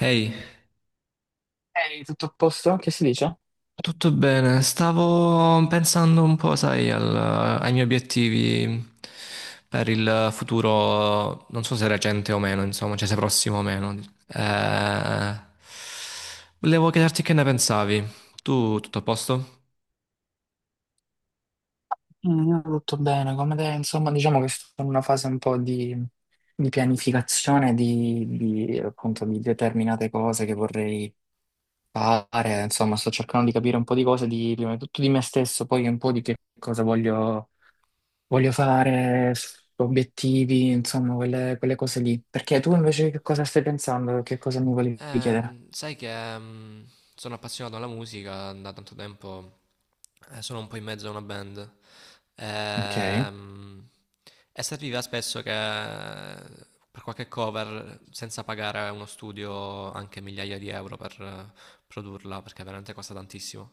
Ehi, Ehi, tutto a posto? Che si dice? tutto bene? Stavo pensando un po', sai, ai miei obiettivi per il futuro, non so se recente o meno, insomma, cioè se prossimo o meno. Eh, volevo chiederti che ne pensavi. Tu, tutto a posto? Io tutto bene, come te, insomma, diciamo che sto in una fase un po' di pianificazione di, appunto, di determinate cose che vorrei fare, insomma, sto cercando di capire un po' di cose, prima di tutto di me stesso, poi un po' di che cosa voglio fare, obiettivi, insomma, quelle cose lì. Perché tu Ok. invece che cosa stai pensando? Che cosa mi volevi chiedere? Sai che sono appassionato alla musica da tanto tempo, sono un po' in mezzo a una band. Ok, Ehm, e serviva spesso che per qualche cover, senza pagare uno studio anche migliaia di euro per produrla, perché veramente costa tantissimo.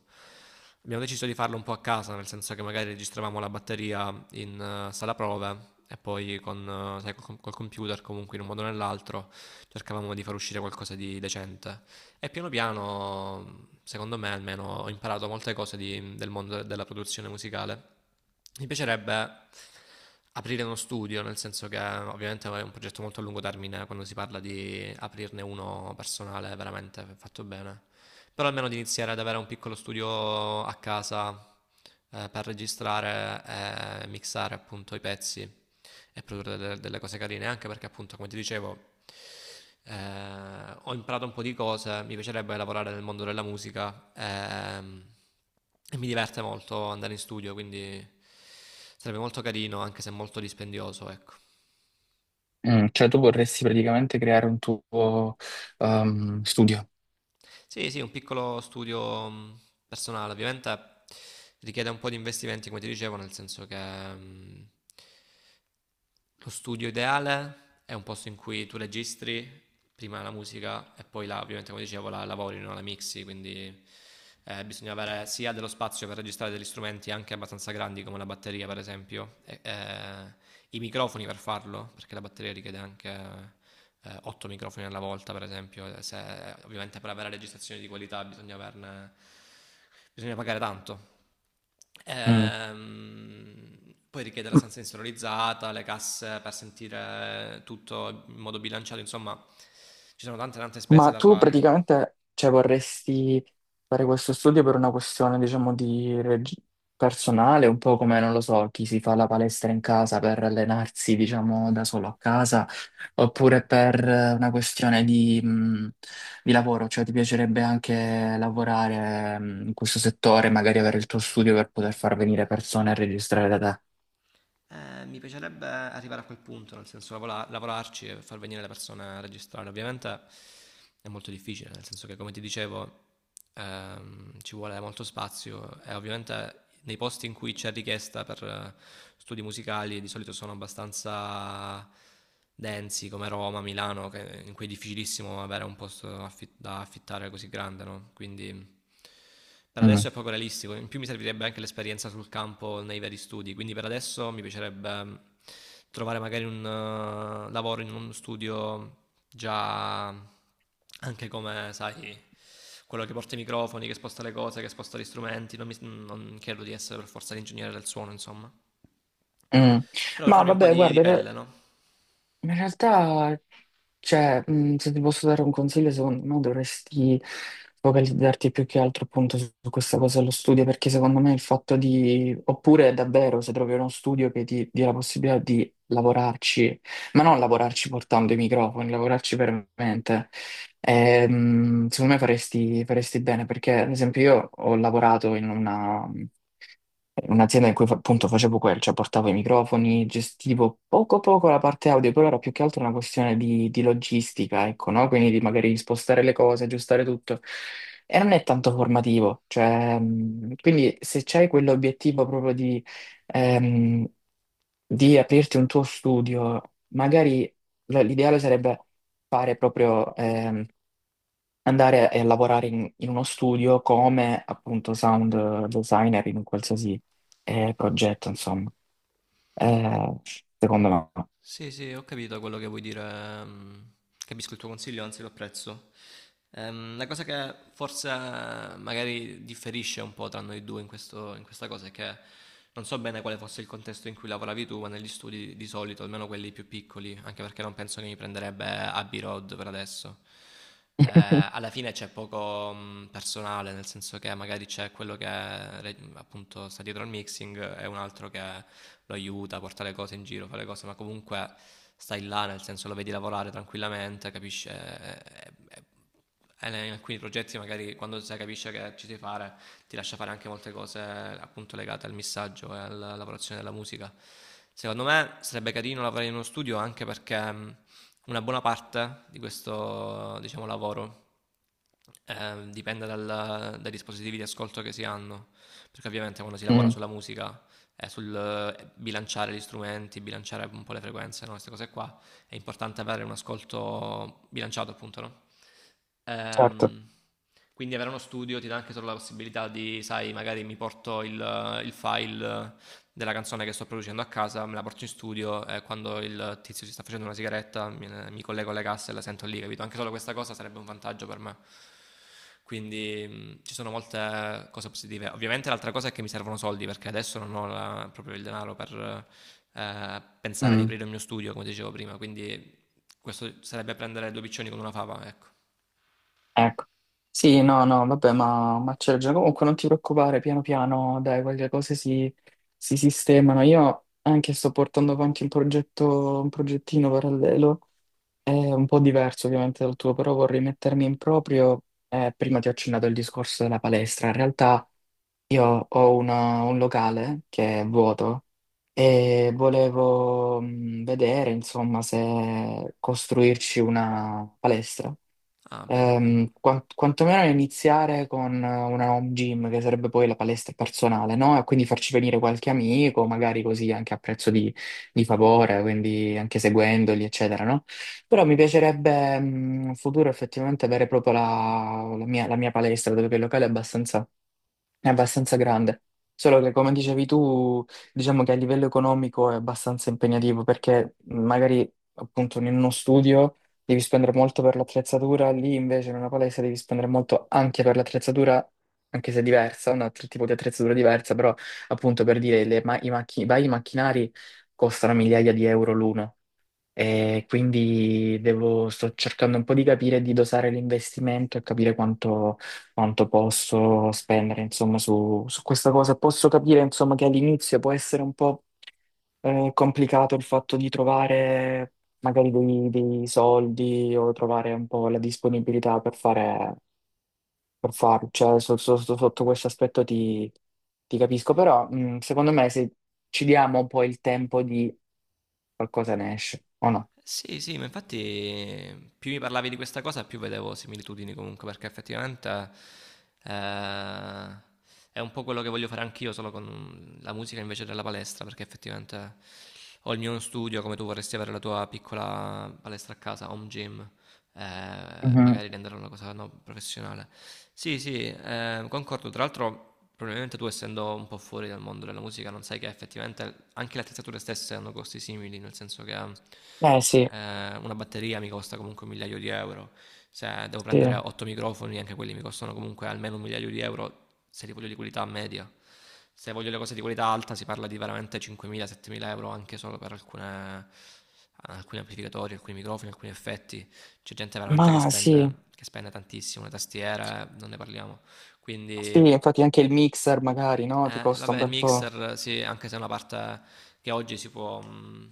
Abbiamo deciso di farlo un po' a casa, nel senso che magari registravamo la batteria in sala prove e poi sai, col computer comunque in un modo o nell'altro cercavamo di far uscire qualcosa di decente. E piano piano, secondo me almeno, ho imparato molte cose del mondo della produzione musicale. Mi piacerebbe aprire uno studio, nel senso che ovviamente è un progetto molto a lungo termine quando si parla di aprirne uno personale veramente fatto bene. Però almeno di iniziare ad avere un piccolo studio a casa per registrare e mixare appunto i pezzi e produrre delle, delle cose carine, anche perché appunto, come ti dicevo, ho imparato un po' di cose, mi piacerebbe lavorare nel mondo della musica e mi diverte molto andare in studio, quindi sarebbe molto carino, anche se molto dispendioso, ecco. Cioè tu vorresti praticamente creare un tuo studio. Sì, sì, un piccolo studio personale, ovviamente richiede un po' di investimenti, come ti dicevo, nel senso che lo studio ideale è un posto in cui tu registri prima la musica e poi la, ovviamente come dicevo la lavori, no? La mixi, quindi bisogna avere sia dello spazio per registrare degli strumenti anche abbastanza grandi come la batteria per esempio, i microfoni per farlo, perché la batteria richiede anche 8 microfoni alla volta, per esempio, se, ovviamente per avere registrazioni di qualità bisogna pagare tanto. Poi richiede la stanza insonorizzata, le casse per sentire tutto in modo bilanciato, insomma ci sono tante tante spese Ma da tu fare. praticamente, cioè, vorresti fare questo studio per una questione, diciamo, di personale, un po' come, non lo so, chi si fa la palestra in casa per allenarsi, diciamo, da solo a casa, oppure per una questione di lavoro, cioè ti piacerebbe anche lavorare, in questo settore, magari avere il tuo studio per poter far venire persone a registrare da te. Mi piacerebbe arrivare a quel punto, nel senso lavorarci e far venire le persone a registrare. Ovviamente è molto difficile, nel senso che come ti dicevo ci vuole molto spazio e ovviamente nei posti in cui c'è richiesta per studi musicali di solito sono abbastanza densi come Roma, Milano, in cui è difficilissimo avere un posto da affittare così grande, no? Quindi per Mm. adesso è poco realistico, in più mi servirebbe anche l'esperienza sul campo nei veri studi, quindi per adesso mi piacerebbe trovare magari un lavoro in uno studio già anche come, sai, quello che porta i microfoni, che sposta le cose, che sposta gli strumenti, non credo di essere per forza l'ingegnere del suono, insomma. Mm. Però per Ma farmi un po' vabbè, di guarda, pelle, no? in realtà, cioè, se ti posso dare un consiglio, secondo me dovresti focalizzarti più che altro appunto su questa cosa dello studio, perché secondo me il fatto di, oppure davvero se trovi uno studio che ti dia la possibilità di lavorarci, ma non lavorarci portando i microfoni, lavorarci veramente, secondo me faresti bene, perché ad esempio io ho lavorato in una Un'azienda in cui appunto facevo quel, cioè portavo i microfoni, gestivo poco poco la parte audio, però era più che altro una questione di logistica, ecco, no? Quindi di magari spostare le cose, aggiustare tutto. E non è tanto formativo, cioè, quindi se c'hai quell'obiettivo proprio ehm, di aprirti un tuo studio, magari l'ideale sarebbe fare proprio, andare a lavorare in uno studio come appunto sound designer in un qualsiasi progetto, insomma. Eh, secondo me. Sì, sì, ho capito quello che vuoi dire. Capisco il tuo consiglio, anzi lo apprezzo. La cosa che forse magari differisce un po' tra noi due in questa cosa è che non so bene quale fosse il contesto in cui lavoravi tu, ma negli studi di solito, almeno quelli più piccoli, anche perché non penso che mi prenderebbe Abbey Road per adesso. eh, Alla fine c'è poco personale, nel senso che magari c'è quello che appunto sta dietro al mixing e un altro che lo aiuta a portare le cose in giro, fa le cose, ma comunque stai là, nel senso lo vedi lavorare tranquillamente, capisci? In alcuni progetti magari quando si capisce che ci si fare ti lascia fare anche molte cose appunto legate al missaggio e alla lavorazione della musica. Secondo me sarebbe carino lavorare in uno studio anche perché una buona parte di questo diciamo, lavoro dipende dai dispositivi di ascolto che si hanno, perché ovviamente quando si lavora Mm, sulla musica è sul bilanciare gli strumenti, bilanciare un po' le frequenze, no? Queste cose qua, è importante avere un ascolto bilanciato, appunto, no? certo. Ehm, quindi avere uno studio ti dà anche solo la possibilità di, sai, magari mi porto il file della canzone che sto producendo a casa, me la porto in studio e quando il tizio si sta facendo una sigaretta mi collego alle casse e la sento lì, capito? Anche solo questa cosa sarebbe un vantaggio per me. Quindi ci sono molte cose positive. Ovviamente l'altra cosa è che mi servono soldi perché adesso non ho la- proprio il denaro per pensare di Mm, aprire il mio studio, come dicevo prima, quindi questo sarebbe prendere due piccioni con una fava, ecco. ecco. Sì, no, no, vabbè, ma c'è già. Comunque non ti preoccupare, piano piano, dai, quelle cose si sistemano. Io anche sto portando avanti un progetto, un progettino parallelo, è un po' diverso ovviamente dal tuo, però vorrei mettermi in proprio. Prima ti ho accennato il discorso della palestra. In realtà io ho un locale che è vuoto e volevo vedere, insomma, se costruirci una palestra. Ah, bello, bello. Quantomeno iniziare con una home gym, che sarebbe poi la palestra personale, no? E quindi farci venire qualche amico, magari così anche a prezzo di favore, quindi anche seguendoli, eccetera, no? Però mi piacerebbe in futuro effettivamente avere proprio la mia palestra, dove che il locale è abbastanza grande, solo che come dicevi tu, diciamo che a livello economico è abbastanza impegnativo perché magari appunto in uno studio devi spendere molto per l'attrezzatura, lì invece in una palestra devi spendere molto anche per l'attrezzatura, anche se diversa, un altro tipo di attrezzatura diversa, però appunto per dire le ma- i macchi- i vari macchinari costano migliaia di euro l'uno. E quindi sto cercando un po' di capire, di dosare l'investimento e capire quanto posso spendere, insomma, su questa cosa. Posso capire, insomma, che all'inizio può essere un po' complicato il fatto di trovare magari dei soldi o trovare un po' la disponibilità per farlo. Cioè, sotto questo aspetto ti capisco, però secondo me se ci diamo un po' il tempo di qualcosa ne esce, o Sì, sì, ma infatti più mi parlavi di questa cosa, più vedevo similitudini comunque, perché effettivamente eh, è un po' quello che voglio fare anch'io, solo con la musica invece della palestra, perché effettivamente ho il mio studio, come tu vorresti avere la tua piccola palestra a casa, home gym, no? magari renderla una cosa no, professionale. Sì, sì, concordo, tra l'altro, probabilmente tu, essendo un po' fuori dal mondo della musica, non sai che effettivamente anche le attrezzature stesse hanno costi simili, nel senso che Eh sì, una batteria mi costa comunque un migliaio di euro. Se devo prendere sì, 8 microfoni, anche quelli mi costano comunque almeno un migliaio di euro se li voglio di qualità media. Se voglio le cose di qualità alta, si parla di veramente 5.000-7.000 euro anche solo per alcune, alcuni amplificatori, alcuni microfoni, alcuni effetti. C'è gente veramente ma sì, che spende tantissimo. Le tastiere, non ne parliamo. sì, Quindi infatti anche il mixer magari, no? Ti costa un vabbè, il bel po'. mixer, sì, anche se è una parte che oggi si può,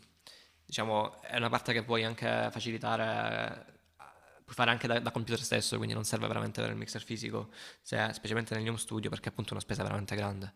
diciamo, è una parte che puoi anche facilitare, puoi fare anche da computer stesso, quindi non serve veramente avere il mixer fisico, specialmente negli home studio, perché appunto è una spesa veramente grande.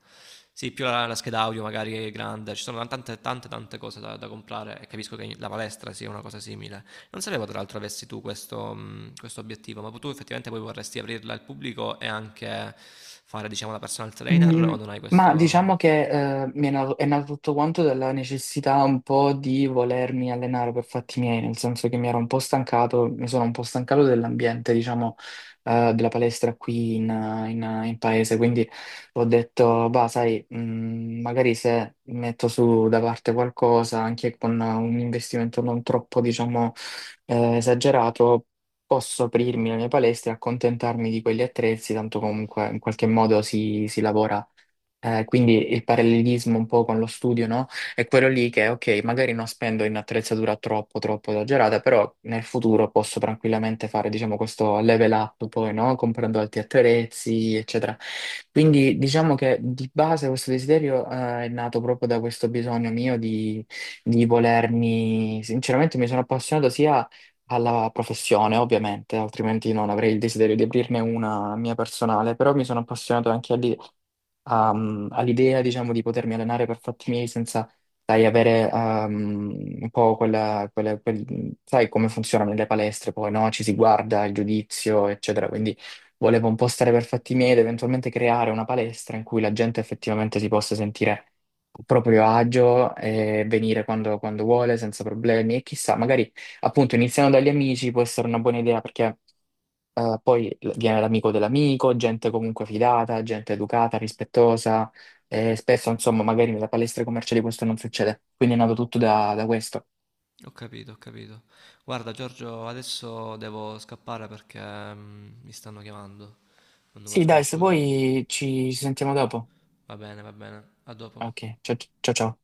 Sì, più la scheda audio magari è grande, ci sono tante, tante, tante cose da comprare e capisco che la palestra sia una cosa simile, non sapevo tra l'altro avessi tu questo, questo obiettivo, ma tu effettivamente poi vorresti aprirla al pubblico e anche fare, diciamo, la personal trainer Mm, o non hai Ma diciamo questo... che è nato tutto quanto dalla necessità un po' di volermi allenare per fatti miei, nel senso che mi sono un po' stancato dell'ambiente, diciamo, della palestra qui in paese, quindi ho detto, bah, sai, magari se metto su da parte qualcosa, anche con un investimento non troppo, diciamo, esagerato. Posso aprirmi la mia palestra e accontentarmi di quegli attrezzi, tanto comunque in qualche modo si lavora quindi il parallelismo un po' con lo studio, no? È quello lì che, ok, magari non spendo in attrezzatura troppo, troppo esagerata, però nel futuro posso tranquillamente fare, diciamo, questo level up poi, no? Comprando altri attrezzi, eccetera. Quindi diciamo che di base questo desiderio, è nato proprio da questo bisogno mio di volermi, sinceramente mi sono appassionato sia alla professione, ovviamente, altrimenti non avrei il desiderio di aprirne una mia personale, però mi sono appassionato anche a- all'idea, diciamo, di potermi allenare per fatti miei senza, sai, avere un po' sai come funzionano le palestre poi, no? Ci si guarda, il giudizio, eccetera. Quindi volevo un po' stare per fatti miei ed eventualmente creare una palestra in cui la gente effettivamente si possa sentire a proprio agio e venire quando vuole, senza problemi. E chissà, magari appunto iniziando dagli amici può essere una buona idea perché. Poi viene l'amico dell'amico, gente comunque fidata, gente educata, rispettosa, e spesso, insomma, magari nella palestra commerciali questo non succede. Quindi è nato tutto da questo. Ho capito, ho capito. Guarda, Giorgio, adesso devo scappare perché mi stanno chiamando, un numero Sì, dai, se sconosciuto. vuoi ci sentiamo dopo. Va bene, va bene. A dopo. Ok, ciao ciao ciao.